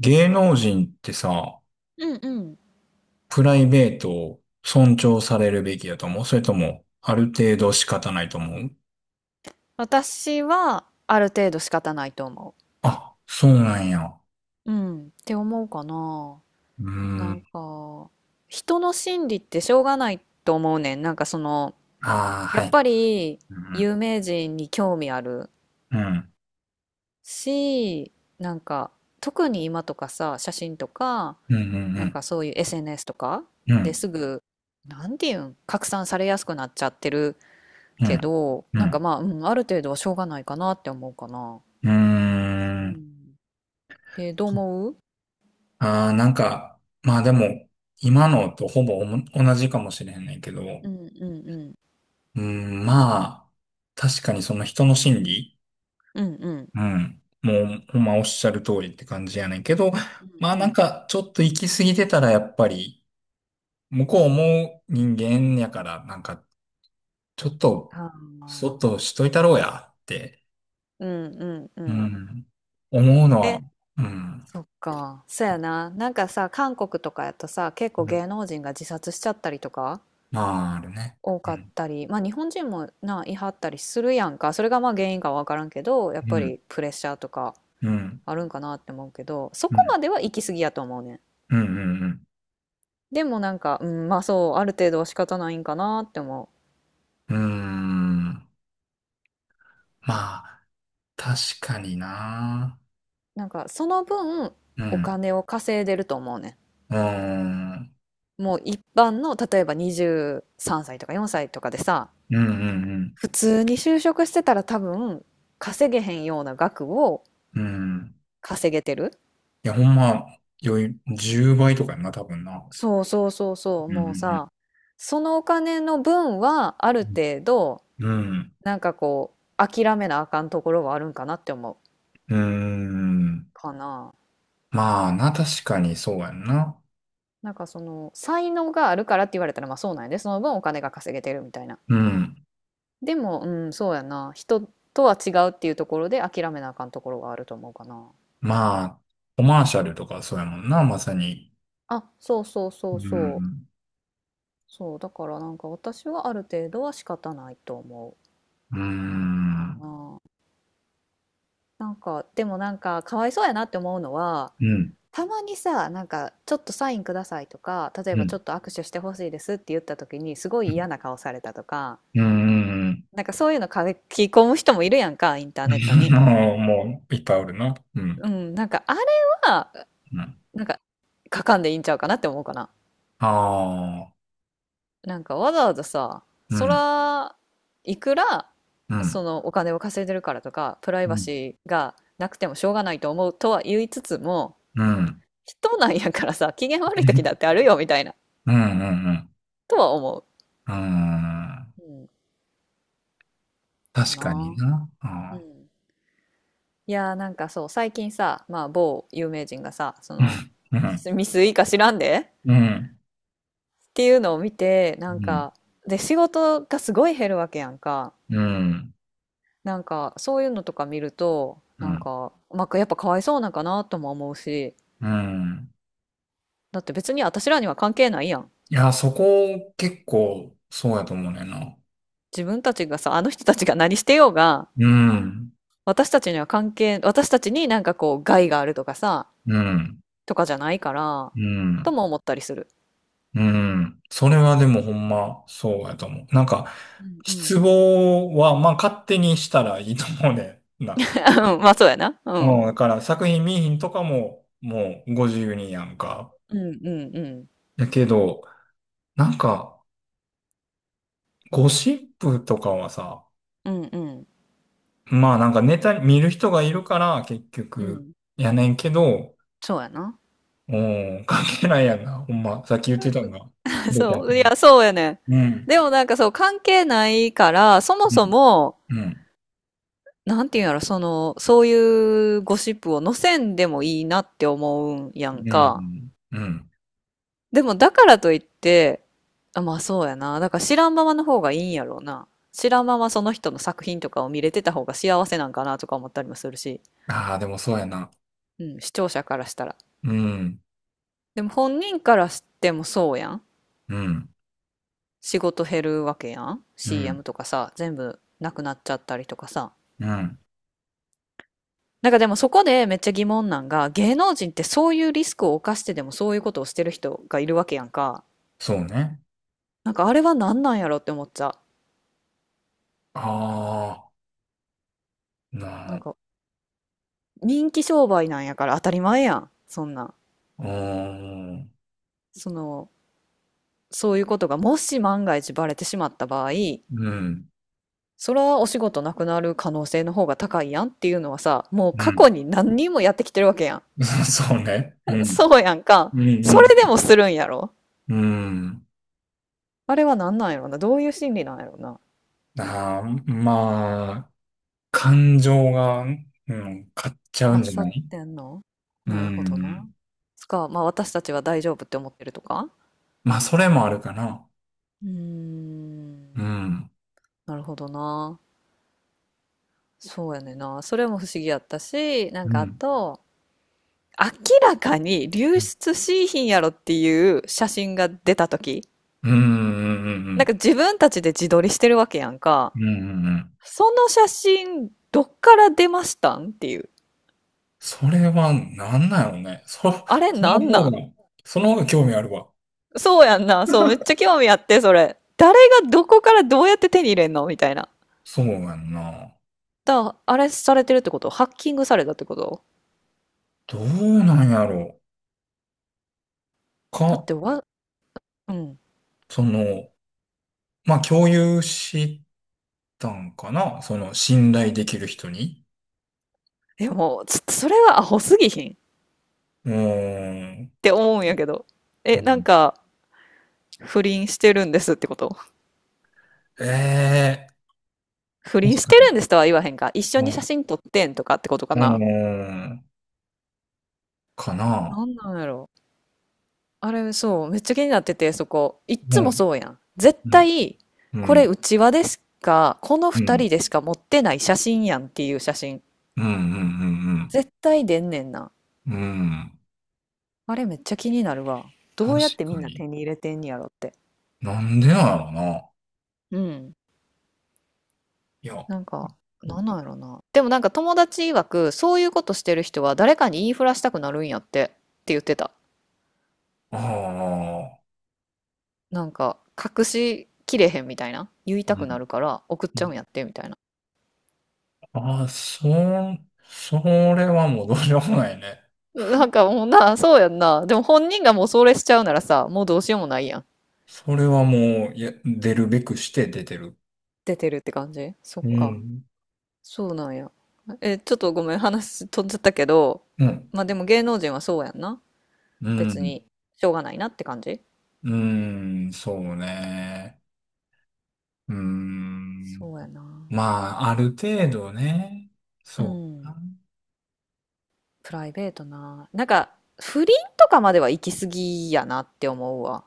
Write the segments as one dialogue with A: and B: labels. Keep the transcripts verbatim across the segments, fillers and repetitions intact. A: 芸能人ってさ、
B: うんうん。
A: プライベートを尊重されるべきだと思う？それとも、ある程度仕方ないと思う？
B: 私はある程度仕方ないと思
A: あ、そうなんや。
B: う。うん。って思うかな。
A: うー
B: なん
A: ん。
B: か、人の心理ってしょうがないと思うねん。なんかその、
A: ああ、
B: や
A: は
B: っ
A: い。
B: ぱり
A: うん。
B: 有名人に興味ある
A: うん。
B: し、なんか、特に今とかさ、写真とか、
A: うん。う
B: なん
A: ん。
B: かそういう エスエヌエス とか
A: う
B: で
A: ん。
B: すぐ、なんていうん、拡散されやすくなっちゃってる
A: う
B: け
A: ん。
B: ど、
A: うん。う
B: なんか
A: ん。
B: まあ、うん、ある程度はしょうがないかなって思うかな。
A: うー
B: う
A: ん。
B: ん。で、どう思う？
A: ああ、なんか、まあでも、今のとほぼおも同じかもしれへんねんけど、う
B: うんうんうん。
A: ーん、まあ、確かにその人の心理、
B: うんうん
A: うん。もう、ほんまおっしゃる通りって感じやねんけど、まあ
B: うんう
A: なん
B: ん。
A: かちょっと行き過ぎてたらやっぱり、向こうも人間やから、なんかちょっと、
B: ああ。
A: そっとしといたろうやって、
B: うんうんうんあうんう
A: う
B: んうん
A: ん、思うのは、
B: え、
A: うん、
B: そっか。そやな。なんかさ、韓国とかやとさ、結構
A: うん。
B: 芸能人が自殺しちゃったりとか
A: まああるね。
B: 多
A: う
B: かっ
A: ん、
B: たり、まあ日本人もな、いはったりするやんか。それがまあ原因かわからんけど、やっ
A: う
B: ぱ
A: ん、
B: りプレッシャーとか
A: うん、
B: あるんかなって思うけど、そ
A: う
B: こ
A: ん、
B: までは行き過ぎやと思うねん。
A: うん、うん、
B: でもなんか、うん、まあそう、ある程度は仕方ないんかなって思
A: うん、うーん。まあ、確かにな。
B: う。なんかその分、
A: う
B: お
A: ん、
B: 金を稼いでると思うねん。
A: うーん、
B: もう一般の例えばにじゅうさんさいとかよんさいとかでさ、
A: うん、うん、
B: 普通に就職してたら多分稼げへんような額を
A: うん。うん。
B: 稼げてる。
A: いや、ほんま、余裕、じゅうばいとかやんな、多分な。
B: そうそうそうそう。
A: うん。
B: もう
A: うん。
B: さ、そのお金の分はある程度、
A: うん。うん。
B: なんかこう諦めなあかんところはあるんかなって思う
A: うーん。
B: かな。
A: まあな、確かにそうやんな。
B: なんかその才能があるからって言われたらまあそうなんやで、その分お金が稼げてるみたいな。
A: うん。
B: でもうんそうやな、人とは違うっていうところで諦めなあかんところがあると思うかな。
A: まあ、コマーシャルとかそうやもんな、まさに。
B: あ、そうそうそ
A: う
B: うそう。
A: ん。
B: そう、だからなんか私はある程度は仕方ないと思
A: う
B: うか
A: ん。
B: な。なんか、でもなんかかわいそうやなって思うのは、
A: うん。
B: たまにさ、なんかちょっとサインくださいとか、例え
A: う
B: ばちょ
A: ん。
B: っと握手してほしいですって言った時にすご
A: う
B: い嫌
A: ん。
B: な顔されたとか、
A: うん。
B: なんかそういうの書き込む人もいるやんか、インターネット に。
A: もう、もういっぱいおるな。うん。
B: うん、なんかあれは、
A: うん。
B: なんか書かんでいいんちゃうかなって思うかな。
A: ああ。
B: なんかわざわざさ、
A: う
B: そ
A: ん。
B: ら、いくら、
A: うん。
B: そのお金を稼いでるからとか、プライ
A: う
B: バ
A: ん。
B: シーがなくてもしょうがないと思うとは言いつつも、
A: うん。
B: 人なんやからさ、機嫌悪い時だってあるよみたいな、
A: うん。うん。
B: とは思
A: うん。うん。
B: う。うん、か
A: 確かに
B: な。
A: な。
B: う
A: あ、
B: ん。いやーなんかそう、最近さ、まあ某有名人がさ、そ
A: うん、
B: の、
A: うん、
B: ミスいいか知らんで
A: う
B: っていうのを見て、なん
A: ん、
B: か、で、仕事がすごい減るわけやんか。
A: うん、
B: なんかそういうのとか見ると
A: う
B: なん
A: ん、
B: か、まあ、やっぱかわいそうなんかなとも思うし、
A: うん。
B: だって別に私らには関係ないやん。
A: いや、そこ結構そうやと思うねんな。
B: 自分たちがさ、あの人たちが何してようが、
A: うん、
B: 私たちには関係私たちになんかこう害があるとかさ、
A: うん、
B: とかじゃないから、
A: う
B: と
A: ん、
B: も思ったりする。
A: うん。それはでもほんまそうやと思う。なんか、
B: うんうん。
A: 失望はまあ勝手にしたらいいと思うねんな。
B: まあそうやな。う
A: うん、
B: ん
A: だから作品見えひんとかももうご自由にやんか。
B: うんうんうん
A: だけど、なんか、ゴシップとかはさ、
B: うんうん
A: まあなんかネタ見る人がいるから結
B: う
A: 局
B: ん
A: やねんけど、
B: そうやな。
A: うん、関係ないやんな。ほんま、さっき言ってたのが 全てや
B: そ
A: と
B: うい
A: 思
B: やそうやねん。
A: う。うん。
B: でもなんかそう関係ないからそも
A: う
B: そ
A: ん。
B: も、
A: うん。
B: なんていうんやろ、その、そういうゴシップを載せんでもいいなって思うんやん
A: う
B: か。
A: ん。うん。
B: でもだからといって、あ、まあそうやな。だから知らんままの方がいいんやろうな。知らんままその人の作品とかを見れてた方が幸せなんかなとか思ったりもするし、
A: ああ、でもそうやな。
B: うん、視聴者からしたら。
A: うん。
B: でも本人からしてもそうやん。
A: うん。
B: 仕事減るわけやん。
A: うん。
B: シーエム とかさ、全部なくなっちゃったりとかさ。
A: うん。
B: なんかでもそこでめっちゃ疑問なんが、芸能人ってそういうリスクを冒してでもそういうことをしてる人がいるわけやんか。
A: そうね。
B: なんかあれは何なんやろって思っちゃ
A: ああ、
B: う。
A: な
B: なん
A: あ。
B: か人気商売なんやから当たり前やん。そんな。
A: うーん。
B: その、そういうことがもし万が一バレてしまった場合、
A: うん。
B: それはお仕事なくなる可能性の方が高いやんっていうのはさ、もう
A: う
B: 過去
A: ん。
B: に何人もやってきてるわけやん。
A: そうね。う ん。
B: そうやんか。
A: う
B: そ
A: ん。
B: れでもするんやろ。
A: うん。うん。
B: あれは何なんやろな。どういう心理なんやろな。
A: ああ、まあ。感情が、うん、買っちゃう
B: ま
A: ん
B: っ
A: じゃ
B: さ
A: な
B: っ
A: い？
B: てんの。
A: う
B: なるほどな。
A: ん。
B: つか、まあ私たちは大丈夫って思ってるとか。
A: まあ、それもあるかな。
B: うー
A: う
B: ん、
A: ん。
B: なるほどな。そうやねんな。それも不思議やったし、なん
A: う
B: かあ
A: ん。
B: と、明らかに流
A: うん。
B: 出しいひんやろっていう写真が出た時、
A: うん。うん。う
B: なんか
A: ん。
B: 自分たちで自撮りしてるわけやんか。
A: うん。うん。うん。
B: その写真、どっから出ましたんっていう。
A: それは、なんなのね。そ、
B: あれ
A: そ
B: な
A: の
B: んな
A: 方
B: ん？
A: が、その方が興味あるわ。
B: そうやんな。そう、めっちゃ興味あって、それ。誰がどこからどうやって手に入れんのみたいな。
A: そうやんな。
B: だ、あれされてるってこと、ハッキングされたってこと？
A: どうなんやろう。
B: だっ
A: か、
B: てわ、うん。
A: その、まあ、共有したんかな。その、信頼できる人に。
B: でも、ちょっとそれはアホすぎひんっ
A: うーん。
B: て思うんやけど。
A: う
B: え、なん
A: ん、
B: か、不倫してるんですってこと、
A: ええ
B: 不
A: ー、
B: 倫し
A: 確
B: て
A: かに。
B: るんですとは言わへんか。一緒
A: う
B: に写
A: ん。
B: 真撮ってんとかってことか
A: うー
B: な。
A: ん。かな。
B: なんなんやろ。あれ、そう、めっちゃ気になってて、そこ。いっ
A: う
B: つも
A: ん。
B: そうやん。絶
A: うん。
B: 対、
A: う
B: これ、
A: ん。
B: うちわでしか、この
A: う
B: 二
A: ん。
B: 人でしか持ってない写真やんっていう写真。
A: うん。うん。うん。
B: 絶対出んねんな。
A: うん。うん。
B: あれ、めっちゃ気になるわ。ど
A: 確
B: うやってみん
A: か
B: な
A: に。
B: 手に入れてんやろって。
A: なんでなのな。
B: うん。
A: いや。あ
B: なんか、なんなんやろな。でもなんか友達曰く、そういうことしてる人は誰かに言いふらしたくなるんやってって言ってた。
A: あ。
B: なんか、隠しきれへんみたいな。言いた
A: う
B: く
A: ん。
B: なるから送っちゃうんやってみたいな。
A: ああ、そ、それはもうどうしようもないね。
B: なんかもうな、そうやんな。でも本人がもうそれしちゃうならさ、もうどうしようもないやん。
A: それはもう、いや、出るべくして出てる。
B: 出てるって感じ。そっ
A: う
B: か。
A: ん。
B: そうなんや。え、ちょっとごめん、話飛んじゃったけど、
A: うん。
B: まあでも芸能人はそうやんな。
A: う
B: 別
A: ん。
B: に、しょうがないなって感じ。
A: うん。そうね。うん。
B: そうやな。
A: まあ、ある程度ね。
B: う
A: そう
B: ん。
A: か
B: プライベートな。なんか、不倫とかまでは行き過ぎやなって思うわ。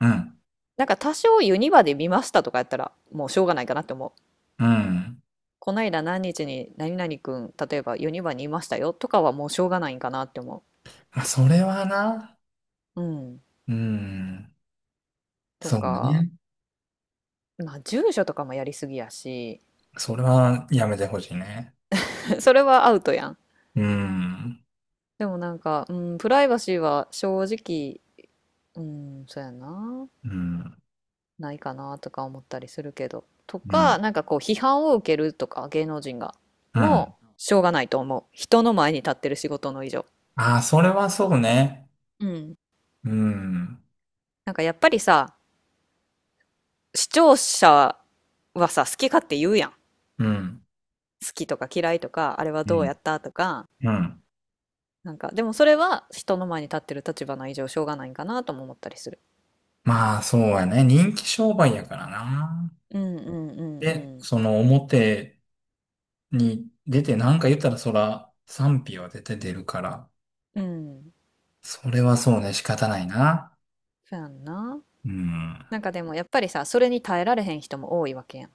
A: な。
B: なんか多少ユニバで見ましたとかやったらもうしょうがないかなって思う。
A: うん。うん。
B: こないだ何日に何々くん、例えばユニバにいましたよとかはもうしょうがないんかなって思
A: まあ、それはな。
B: う。うん。
A: うん。
B: と
A: そう
B: か、
A: ね。
B: まあ住所とかもやりすぎやし、
A: それはやめてほしいね。
B: それはアウトやん。
A: うん。
B: でもなんか、うん、プライバシーは正直、うん、そうやな、
A: うん。
B: ないかなとか思ったりするけど。と
A: うん。
B: か、なんかこう批判を受けるとか、芸能人が。
A: うん。
B: もう、しょうがないと思う。人の前に立ってる仕事の以上。
A: ああ、それはそうね。
B: うん。
A: うん。
B: なんかやっぱりさ、視聴者はさ、好き勝手言うやん。
A: うん。
B: 好きとか嫌いとか、あれは
A: う
B: どうや
A: ん。
B: ったとか。
A: うん。
B: なんか、でもそれは人の前に立ってる立場の以上しょうがないんかなとも思ったりする。
A: まあ、そうやね。人気商売やからな。
B: うんうんう
A: で、
B: ん
A: その表に出てなんか言ったらそら賛否は出て出るから。
B: うん。うん。
A: それはそうね。仕方ないな。
B: そうやんな。
A: うん。
B: なんかでもやっぱりさ、それに耐えられへん人も多いわけやん。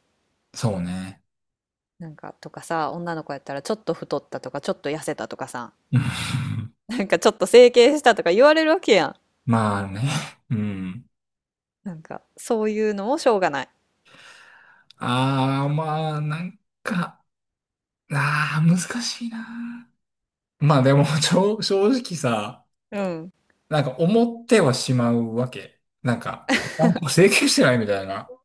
A: そうね。
B: なんかとかさ、女の子やったらちょっと太ったとか、ちょっと痩せたとかさ、
A: うん。
B: なんかちょっと整形したとか言われるわけやん。
A: まあね。うん。
B: なんかそういうのもしょうがない。
A: ああ、まあ、なんか、ああ、難しいな。まあでも、ちょ正直さ、
B: うん。
A: なんか思ってはしまうわけ。なんか、なんか整形してないみたいな。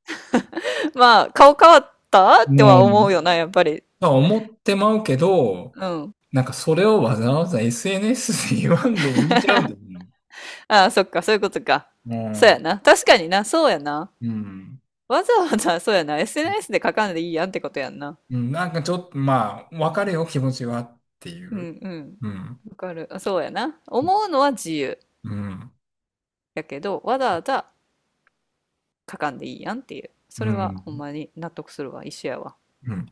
B: まあ、顔変わった
A: う
B: っては思う
A: ん。
B: よな、やっぱり。
A: まあ思ってまうけど、
B: うん。
A: なんかそれをわざわざ エスエヌエス で言わんでいいんちゃうん だよね。
B: ああ、そっか、そういうことか。そうやな。確かにな、そうやな。
A: うん。うん。
B: わざわざ、そうやな。エスエヌエス で書かんでいいやんってことやんな。
A: うん。なんかちょっと、まあ、わかるよ、気持ちはってい
B: うん
A: う。
B: うん。
A: うん。
B: わかる。あ、そうやな。思うのは自由。
A: うん。
B: やけど、わざわざ書かんでいいやんっていう。そ
A: う
B: れは
A: ん。
B: ほんまに納得するわ。一緒やわ。
A: うん。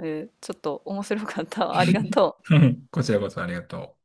B: えーちょっと面白かった。ありがとう。
A: こちらこそありがとう。